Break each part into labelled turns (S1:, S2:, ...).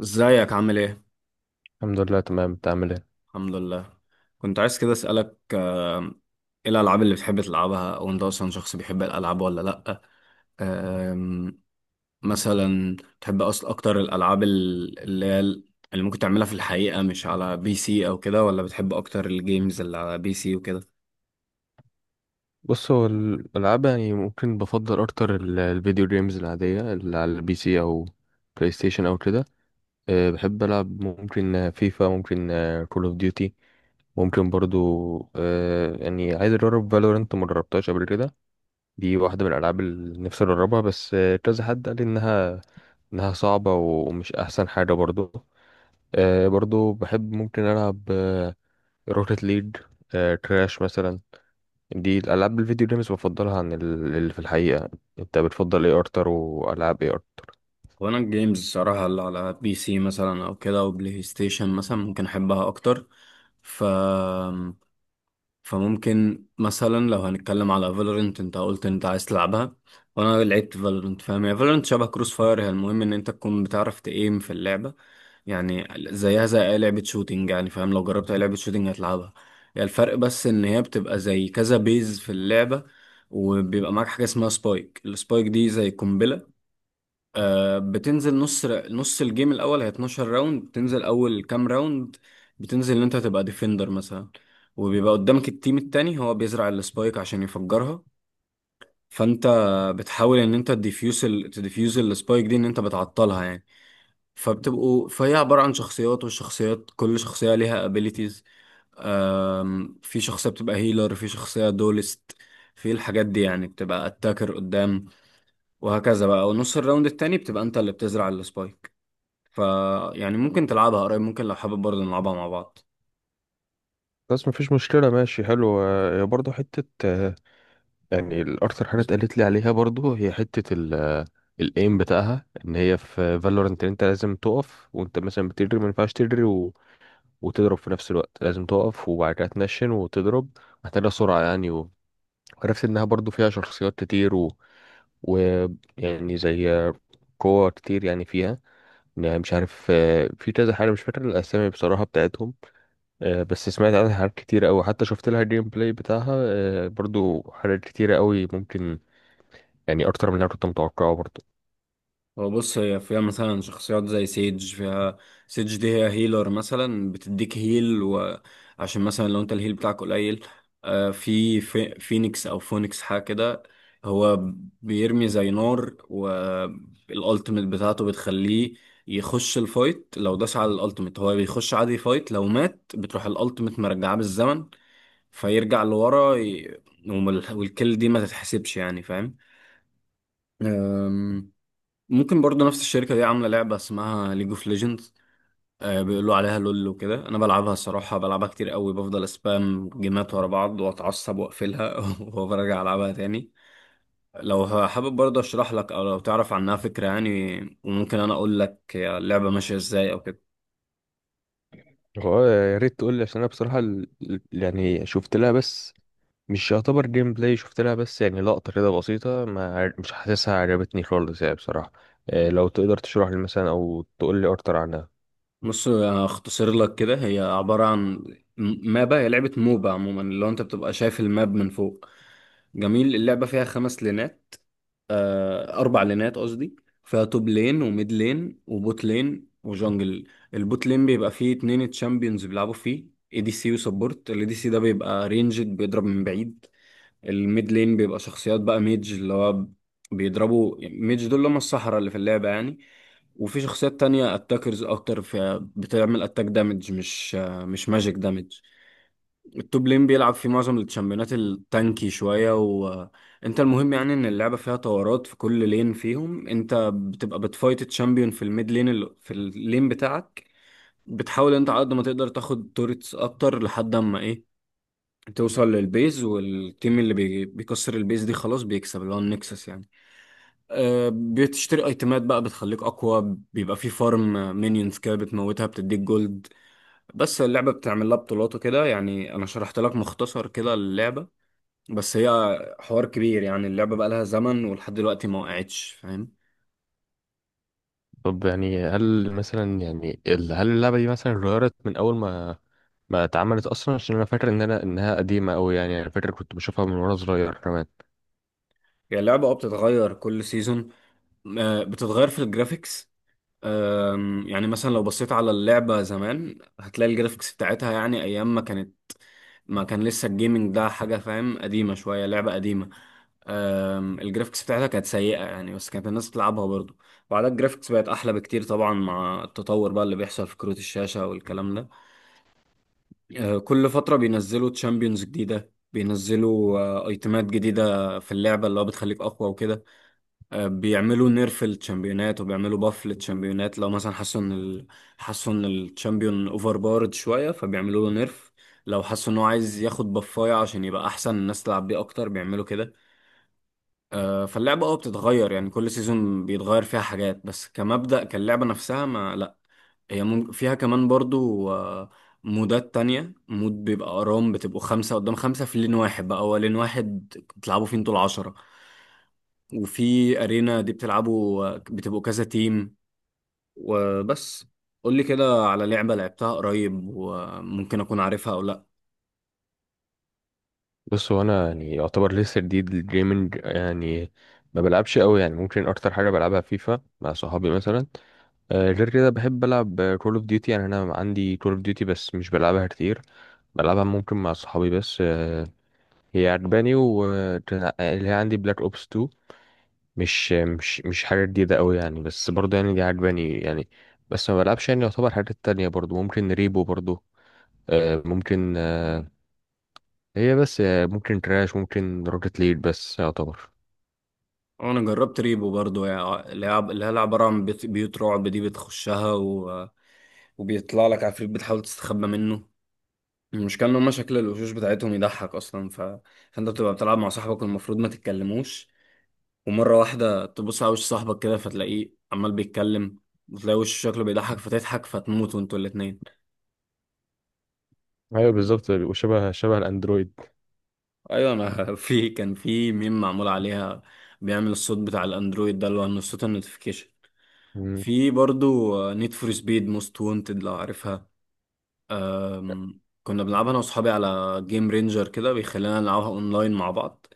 S1: ازيك عامل ايه؟
S2: الحمد لله تمام. انت عامل ايه؟
S1: الحمد لله. كنت عايز كده اسألك ايه الألعاب اللي بتحب تلعبها، او انت اصلا شخص بيحب الألعاب ولا لأ؟ آم، مثلا تحب اصلا اكتر الألعاب اللي ممكن تعملها في الحقيقة مش على بي سي او كده، ولا بتحب اكتر الجيمز اللي على بي سي وكده؟
S2: بص، هو الالعاب يعني ممكن بفضل اكتر الفيديو جيمز العاديه اللي على البي سي او بلاي ستيشن او كده. أه، بحب العب ممكن فيفا، ممكن كول اوف ديوتي، ممكن برضو. أه يعني عايز اجرب فالورنت، ما جربتهاش قبل كده. دي واحده من الالعاب اللي نفسي اجربها، بس كذا حد قال لي انها صعبه ومش احسن حاجه برضو. أه برضو بحب ممكن العب روكيت ليج، كراش مثلا. دي الالعاب الفيديو جيمز بفضلها عن اللي في الحقيقه. انت بتفضل ايه اكتر، والعاب ايه اكتر؟
S1: وانا الجيمز الصراحة اللي على بي سي مثلا او كده او بلاي ستيشن مثلا ممكن احبها اكتر. ف فممكن مثلا لو هنتكلم على فالورنت، انت قلت انت عايز تلعبها وانا لعبت فالورنت، فاهم؟ هي فالورنت شبه كروس فاير، هي المهم ان انت تكون بتعرف تايم في اللعبه، يعني زيها زي اي لعبه شوتينج، يعني فاهم لو جربت اي لعبه شوتينج هتلعبها. يعني الفرق بس ان هي بتبقى زي كذا بيز في اللعبه، وبيبقى معاك حاجه اسمها سبايك. السبايك دي زي قنبله، بتنزل نص. نص الجيم الاول هي 12 راوند. بتنزل اول كام راوند بتنزل ان انت تبقى ديفندر مثلا، وبيبقى قدامك التيم التاني هو بيزرع السبايك عشان يفجرها. فانت بتحاول ان انت تديفيوز تديفيوز السبايك دي، ان انت بتعطلها يعني. فهي عبارة عن شخصيات، والشخصيات كل شخصية ليها abilities. في شخصية بتبقى هيلر، في شخصية دولست، في الحاجات دي يعني بتبقى اتاكر قدام، وهكذا بقى. ونص الراوند التاني بتبقى انت اللي بتزرع السبايك. ف يعني ممكن تلعبها قريب، ممكن لو حابب برضه نلعبها مع بعض.
S2: بس مفيش مشكله، ماشي حلو. برضه حته، يعني الاكتر حاجه اتقالت لي عليها برضه هي حته ال الايم بتاعها، ان هي في فالورنت انت لازم تقف، وانت مثلا بتجري ما ينفعش تجري وتضرب في نفس الوقت. لازم تقف وبعد كده تنشن وتضرب. محتاجه سرعه يعني. وعرفت انها برضه فيها شخصيات كتير و... و يعني زي قوة كتير يعني فيها. يعني مش عارف، في كذا حاجة مش فاكر الأسامي بصراحة بتاعتهم. بس سمعت عنها حاجات كتيرة أوي، حتى شفت لها جيم بلاي بتاعها. برضو حاجات كتيرة أوي ممكن، يعني أكتر من اللي أنا كنت متوقعه برضو.
S1: هو بص، هي فيها مثلا شخصيات زي سيج. فيها سيج دي هي هيلر مثلا، بتديك هيل وعشان مثلا لو انت الهيل بتاعك قليل. في فينيكس او فونيكس حاجه كده، هو بيرمي زي نار، والالتيميت بتاعته بتخليه يخش الفايت. لو داس على الالتيميت هو بيخش عادي فايت، لو مات بتروح الالتيميت مرجعاه بالزمن، فيرجع لورا والكل دي ما تتحسبش يعني، فاهم؟ أم، ممكن برضو نفس الشركة دي عاملة لعبة اسمها ليج اوف ليجندز. بيقولوا عليها لول وكده. انا بلعبها الصراحة، بلعبها كتير قوي، بفضل اسبام جيمات ورا بعض واتعصب واقفلها وبرجع العبها تاني. لو حابب برضه اشرح لك، او لو تعرف عنها فكرة يعني، وممكن انا اقول لك اللعبة ماشية ازاي او كده.
S2: هو يا ريت تقول لي، عشان أنا بصراحة يعني شفت لها، بس مش يعتبر جيم بلاي، شفت لها بس يعني لقطة كده بسيطة. ما عر- مش حاسسها عجبتني خالص يعني بصراحة. لو تقدر تشرح لي مثلا أو تقول لي أكتر عنها.
S1: بص، هختصر لك كده. هي عبارة عن مابا، هي لعبة موبا عموما، اللي هو انت بتبقى شايف الماب من فوق. جميل، اللعبة فيها خمس لينات، أربع لينات قصدي. فيها توب لين وميد لين وبوت لين وجونجل. البوت لين بيبقى فيه اتنين تشامبيونز بيلعبوا فيه، اي دي سي وسبورت. الاي دي سي ده بيبقى رينجد، بيضرب من بعيد. الميد لين بيبقى شخصيات بقى ميج، اللي هو بيضربوا ميج، دول اللي هم الصحراء اللي في اللعبة يعني. وفي شخصيات تانية اتاكرز اكتر، في بتعمل اتاك دامج، مش ماجيك دامج. التوب لين بيلعب في معظم التشامبيونات التانكي شوية. وانت المهم يعني ان اللعبة فيها طورات. في كل لين فيهم انت بتبقى بتفايت تشامبيون في الميد لين، في اللين بتاعك، بتحاول انت على قد ما تقدر تاخد توريتس اكتر لحد اما ايه، توصل للبيز، والتيم اللي بيكسر البيز دي خلاص بيكسب، اللي هو النكسس يعني. بتشتري ايتمات بقى بتخليك اقوى، بيبقى في فارم مينيونز كده بتموتها بتديك جولد. بس اللعبه بتعمل لها بطولات وكده. يعني انا شرحت لك مختصر كده اللعبه، بس هي حوار كبير يعني. اللعبه بقى لها زمن ولحد دلوقتي ما وقعتش، فاهم؟
S2: طب يعني هل مثلا يعني هل اللعبة دي مثلا اتغيرت من أول ما اتعملت اصلا؟ عشان انا فاكر ان انها قديمه قوي يعني، انا فاكر كنت بشوفها من وانا صغير كمان.
S1: هي اللعبه اه بتتغير كل سيزون. بتتغير في الجرافيكس. يعني مثلا لو بصيت على اللعبه زمان هتلاقي الجرافيكس بتاعتها يعني ايام ما كانت، ما كان لسه الجيمنج ده حاجه، فاهم؟ قديمه شويه، لعبه قديمه. الجرافيكس بتاعتها كانت سيئة يعني، بس كانت الناس بتلعبها برضو. وبعدها الجرافيكس بقت أحلى بكتير طبعا، مع التطور بقى اللي بيحصل في كروت الشاشة والكلام ده. كل فترة بينزلوا تشامبيونز جديدة، بينزلوا ايتمات جديدة في اللعبة اللي هو بتخليك أقوى وكده. بيعملوا نيرف للتشامبيونات وبيعملوا باف للتشامبيونات، لو مثلا حسوا إن حسوا إن التشامبيون أوفر بارد شوية فبيعملوا له نيرف. لو حسوا إن هو عايز ياخد بفاية عشان يبقى أحسن، الناس تلعب بيه أكتر، بيعملوا كده. فاللعبة اه بتتغير يعني، كل سيزون بيتغير فيها حاجات، بس كمبدأ كاللعبة نفسها ما لا. هي فيها كمان برضو مودات تانية. مود بيبقى أرام، بتبقوا خمسة قدام خمسة في لين واحد بقى، هو لين واحد بتلعبوا فيه انتوا العشرة. وفي أرينا دي بتلعبوا بتبقوا كذا تيم. وبس، قولي كده على لعبة لعبتها قريب وممكن أكون عارفها أو لأ.
S2: بص، هو انا يعني يعتبر لسه جديد للجيمنج يعني، ما بلعبش قوي يعني. ممكن اكتر حاجه بلعبها فيفا مع صحابي مثلا. غير كده بحب العب كول اوف ديوتي، يعني انا عندي كول اوف ديوتي بس مش بلعبها كتير، بلعبها ممكن مع صحابي بس. هي عجباني. واللي هي عندي بلاك اوبس 2، مش حاجه جديده قوي يعني، بس برضه يعني دي عجباني يعني. بس ما بلعبش يعني. يعتبر حاجات تانية برضو ممكن ريبو برضو، ممكن، هي بس، ممكن كراش، ممكن روكت ليد بس يعتبر.
S1: أنا جربت ريبو برضو، يعني لعب اللي هي لعبة عن بيوت، بيوت رعب دي بتخشها وبيطلع لك عفريت، بتحاول تستخبى منه. المشكلة ان هما شكل الوشوش بتاعتهم يضحك اصلا. فانت بتبقى بتلعب مع صاحبك والمفروض ما تتكلموش، ومرة واحدة تبص على وش صاحبك كده فتلاقيه عمال بيتكلم، وتلاقي وش شكله بيضحك فتضحك، فتموت وانتوا الاتنين.
S2: ايوه بالظبط، شبه الاندرويد.
S1: ايوه، انا في كان في ميم معمول عليها، بيعمل الصوت بتاع الاندرويد ده اللي هو إنه صوت النوتيفيكيشن.
S2: مم.
S1: في برضو نيد فور سبيد موست وونتد، لو عارفها. كنا بنلعبها انا واصحابي على جيم رينجر كده، بيخلينا نلعبها اونلاين مع بعض.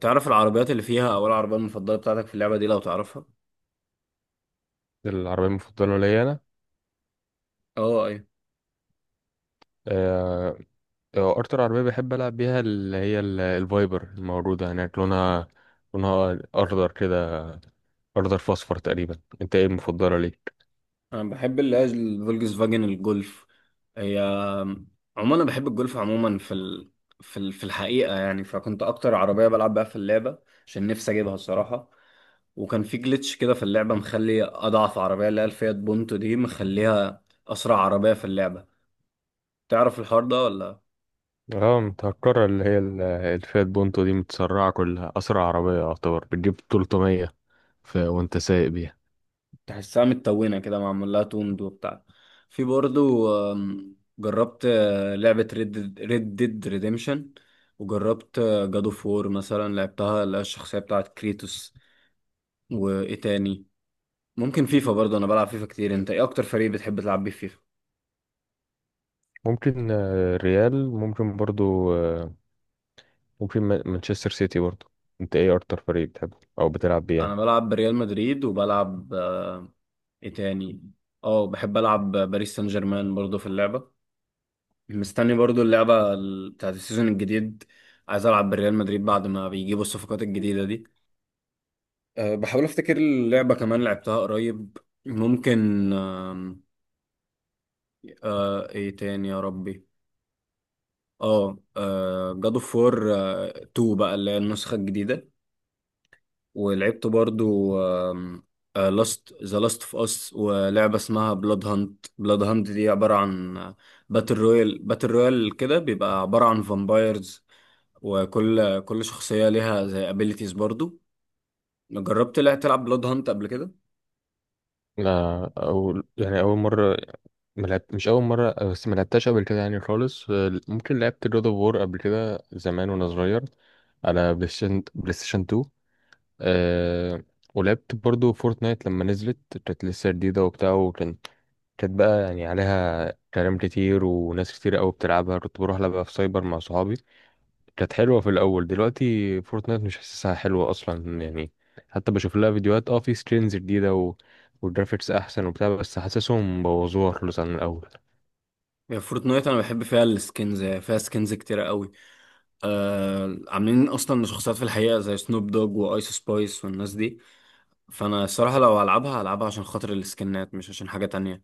S1: تعرف العربيات اللي فيها، او العربية المفضلة بتاعتك في اللعبة دي لو تعرفها؟
S2: العربيه المفضله ليا انا،
S1: اه ايوه.
S2: آه، اكتر عربيه بحب العب بيها اللي هي الفايبر الموجوده هناك، لونها لونها اخضر كده، اخضر فاصفر تقريبا. انت ايه المفضله ليك؟
S1: انا بحب اللي هي الفولكس فاجن الجولف. هي عموما انا بحب الجولف عموما في في الحقيقة يعني، فكنت اكتر عربية بلعب بيها في اللعبة، عشان نفسي اجيبها الصراحة. وكان في جليتش كده في اللعبة مخلي اضعف عربية، اللي هي الفيات بونتو دي، مخليها اسرع عربية في اللعبة. تعرف الحوار ده ولا؟
S2: اه متهكره، اللي هي الفيات بونتو دي متسرعه، كلها اسرع عربيه يعتبر، بتجيب 300. وانت سايق بيها.
S1: تحسها متلونة كده، معمول لها توند وبتاع. في برضو جربت لعبة ريد ديد ريديمشن. وجربت جاد اوف وور مثلا، لعبتها اللي هي الشخصية بتاعت كريتوس. وايه تاني؟ ممكن فيفا برضو، انا بلعب فيفا كتير. انت ايه اكتر فريق بتحب تلعب بيه فيفا؟
S2: ممكن ريال، ممكن برضو، ممكن مانشستر سيتي برضو. انت ايه اكتر فريق بتحبه او بتلعب بيه
S1: انا
S2: يعني؟
S1: بلعب بريال مدريد، وبلعب ايه تاني، اه بحب العب باريس سان جيرمان برضو في اللعبة. مستني برضو اللعبة بتاعت السيزون الجديد، عايز العب بريال مدريد بعد ما بيجيبوا الصفقات الجديدة دي. أه بحاول افتكر اللعبة كمان لعبتها قريب، ممكن أه ايه تاني يا ربي. اه، جاد اوف وور 2 بقى، اللي هي النسخة الجديدة. ولعبت برضو لاست ذا لاست اوف اس، ولعبة اسمها بلاد هانت. بلاد هانت دي عبارة عن باتل رويال. باتل رويال كده بيبقى عبارة عن فامبايرز، وكل شخصية ليها زي ابيليتيز برضو. جربت لا تلعب بلاد هانت قبل كده؟
S2: لا، او يعني اول مره، ملعب مش اول مره، بس ما لعبتهاش قبل كده يعني خالص. ممكن لعبت جود اوف وور قبل كده زمان وانا صغير على بلاي ستيشن، بلاي ستيشن 2. أه، ولعبت برضو فورتنايت لما نزلت، كانت لسه جديده وبتاع، كانت بقى يعني عليها كلام كتير وناس كتير قوي بتلعبها، كنت بروح لعبها في سايبر مع صحابي. كانت حلوة في الأول، دلوقتي فورتنايت مش حاسسها حلوة أصلا يعني. حتى بشوف لها فيديوهات، اه، في سكرينز جديدة والجرافيكس أحسن وبتاع، بس حاسسهم بوظوها خالص عن الأول.
S1: هي فورتنايت انا بحب فيها السكنز، يعني فيها سكنز كتيرة قوي. آه، عاملين اصلا شخصيات في الحقيقة زي سنوب دوج وايس سبايس والناس دي. فانا الصراحة لو هلعبها هلعبها عشان خاطر السكنات، مش عشان حاجة تانية.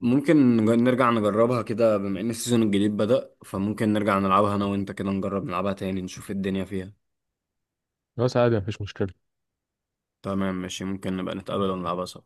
S1: ممكن نرجع نجربها كده، بما ان السيزون الجديد بدأ، فممكن نرجع نلعبها انا وانت كده، نجرب نلعبها تاني نشوف الدنيا فيها.
S2: بس عادي مفيش مشكلة.
S1: تمام ماشي، ممكن نبقى نتقابل ونلعبها سوا.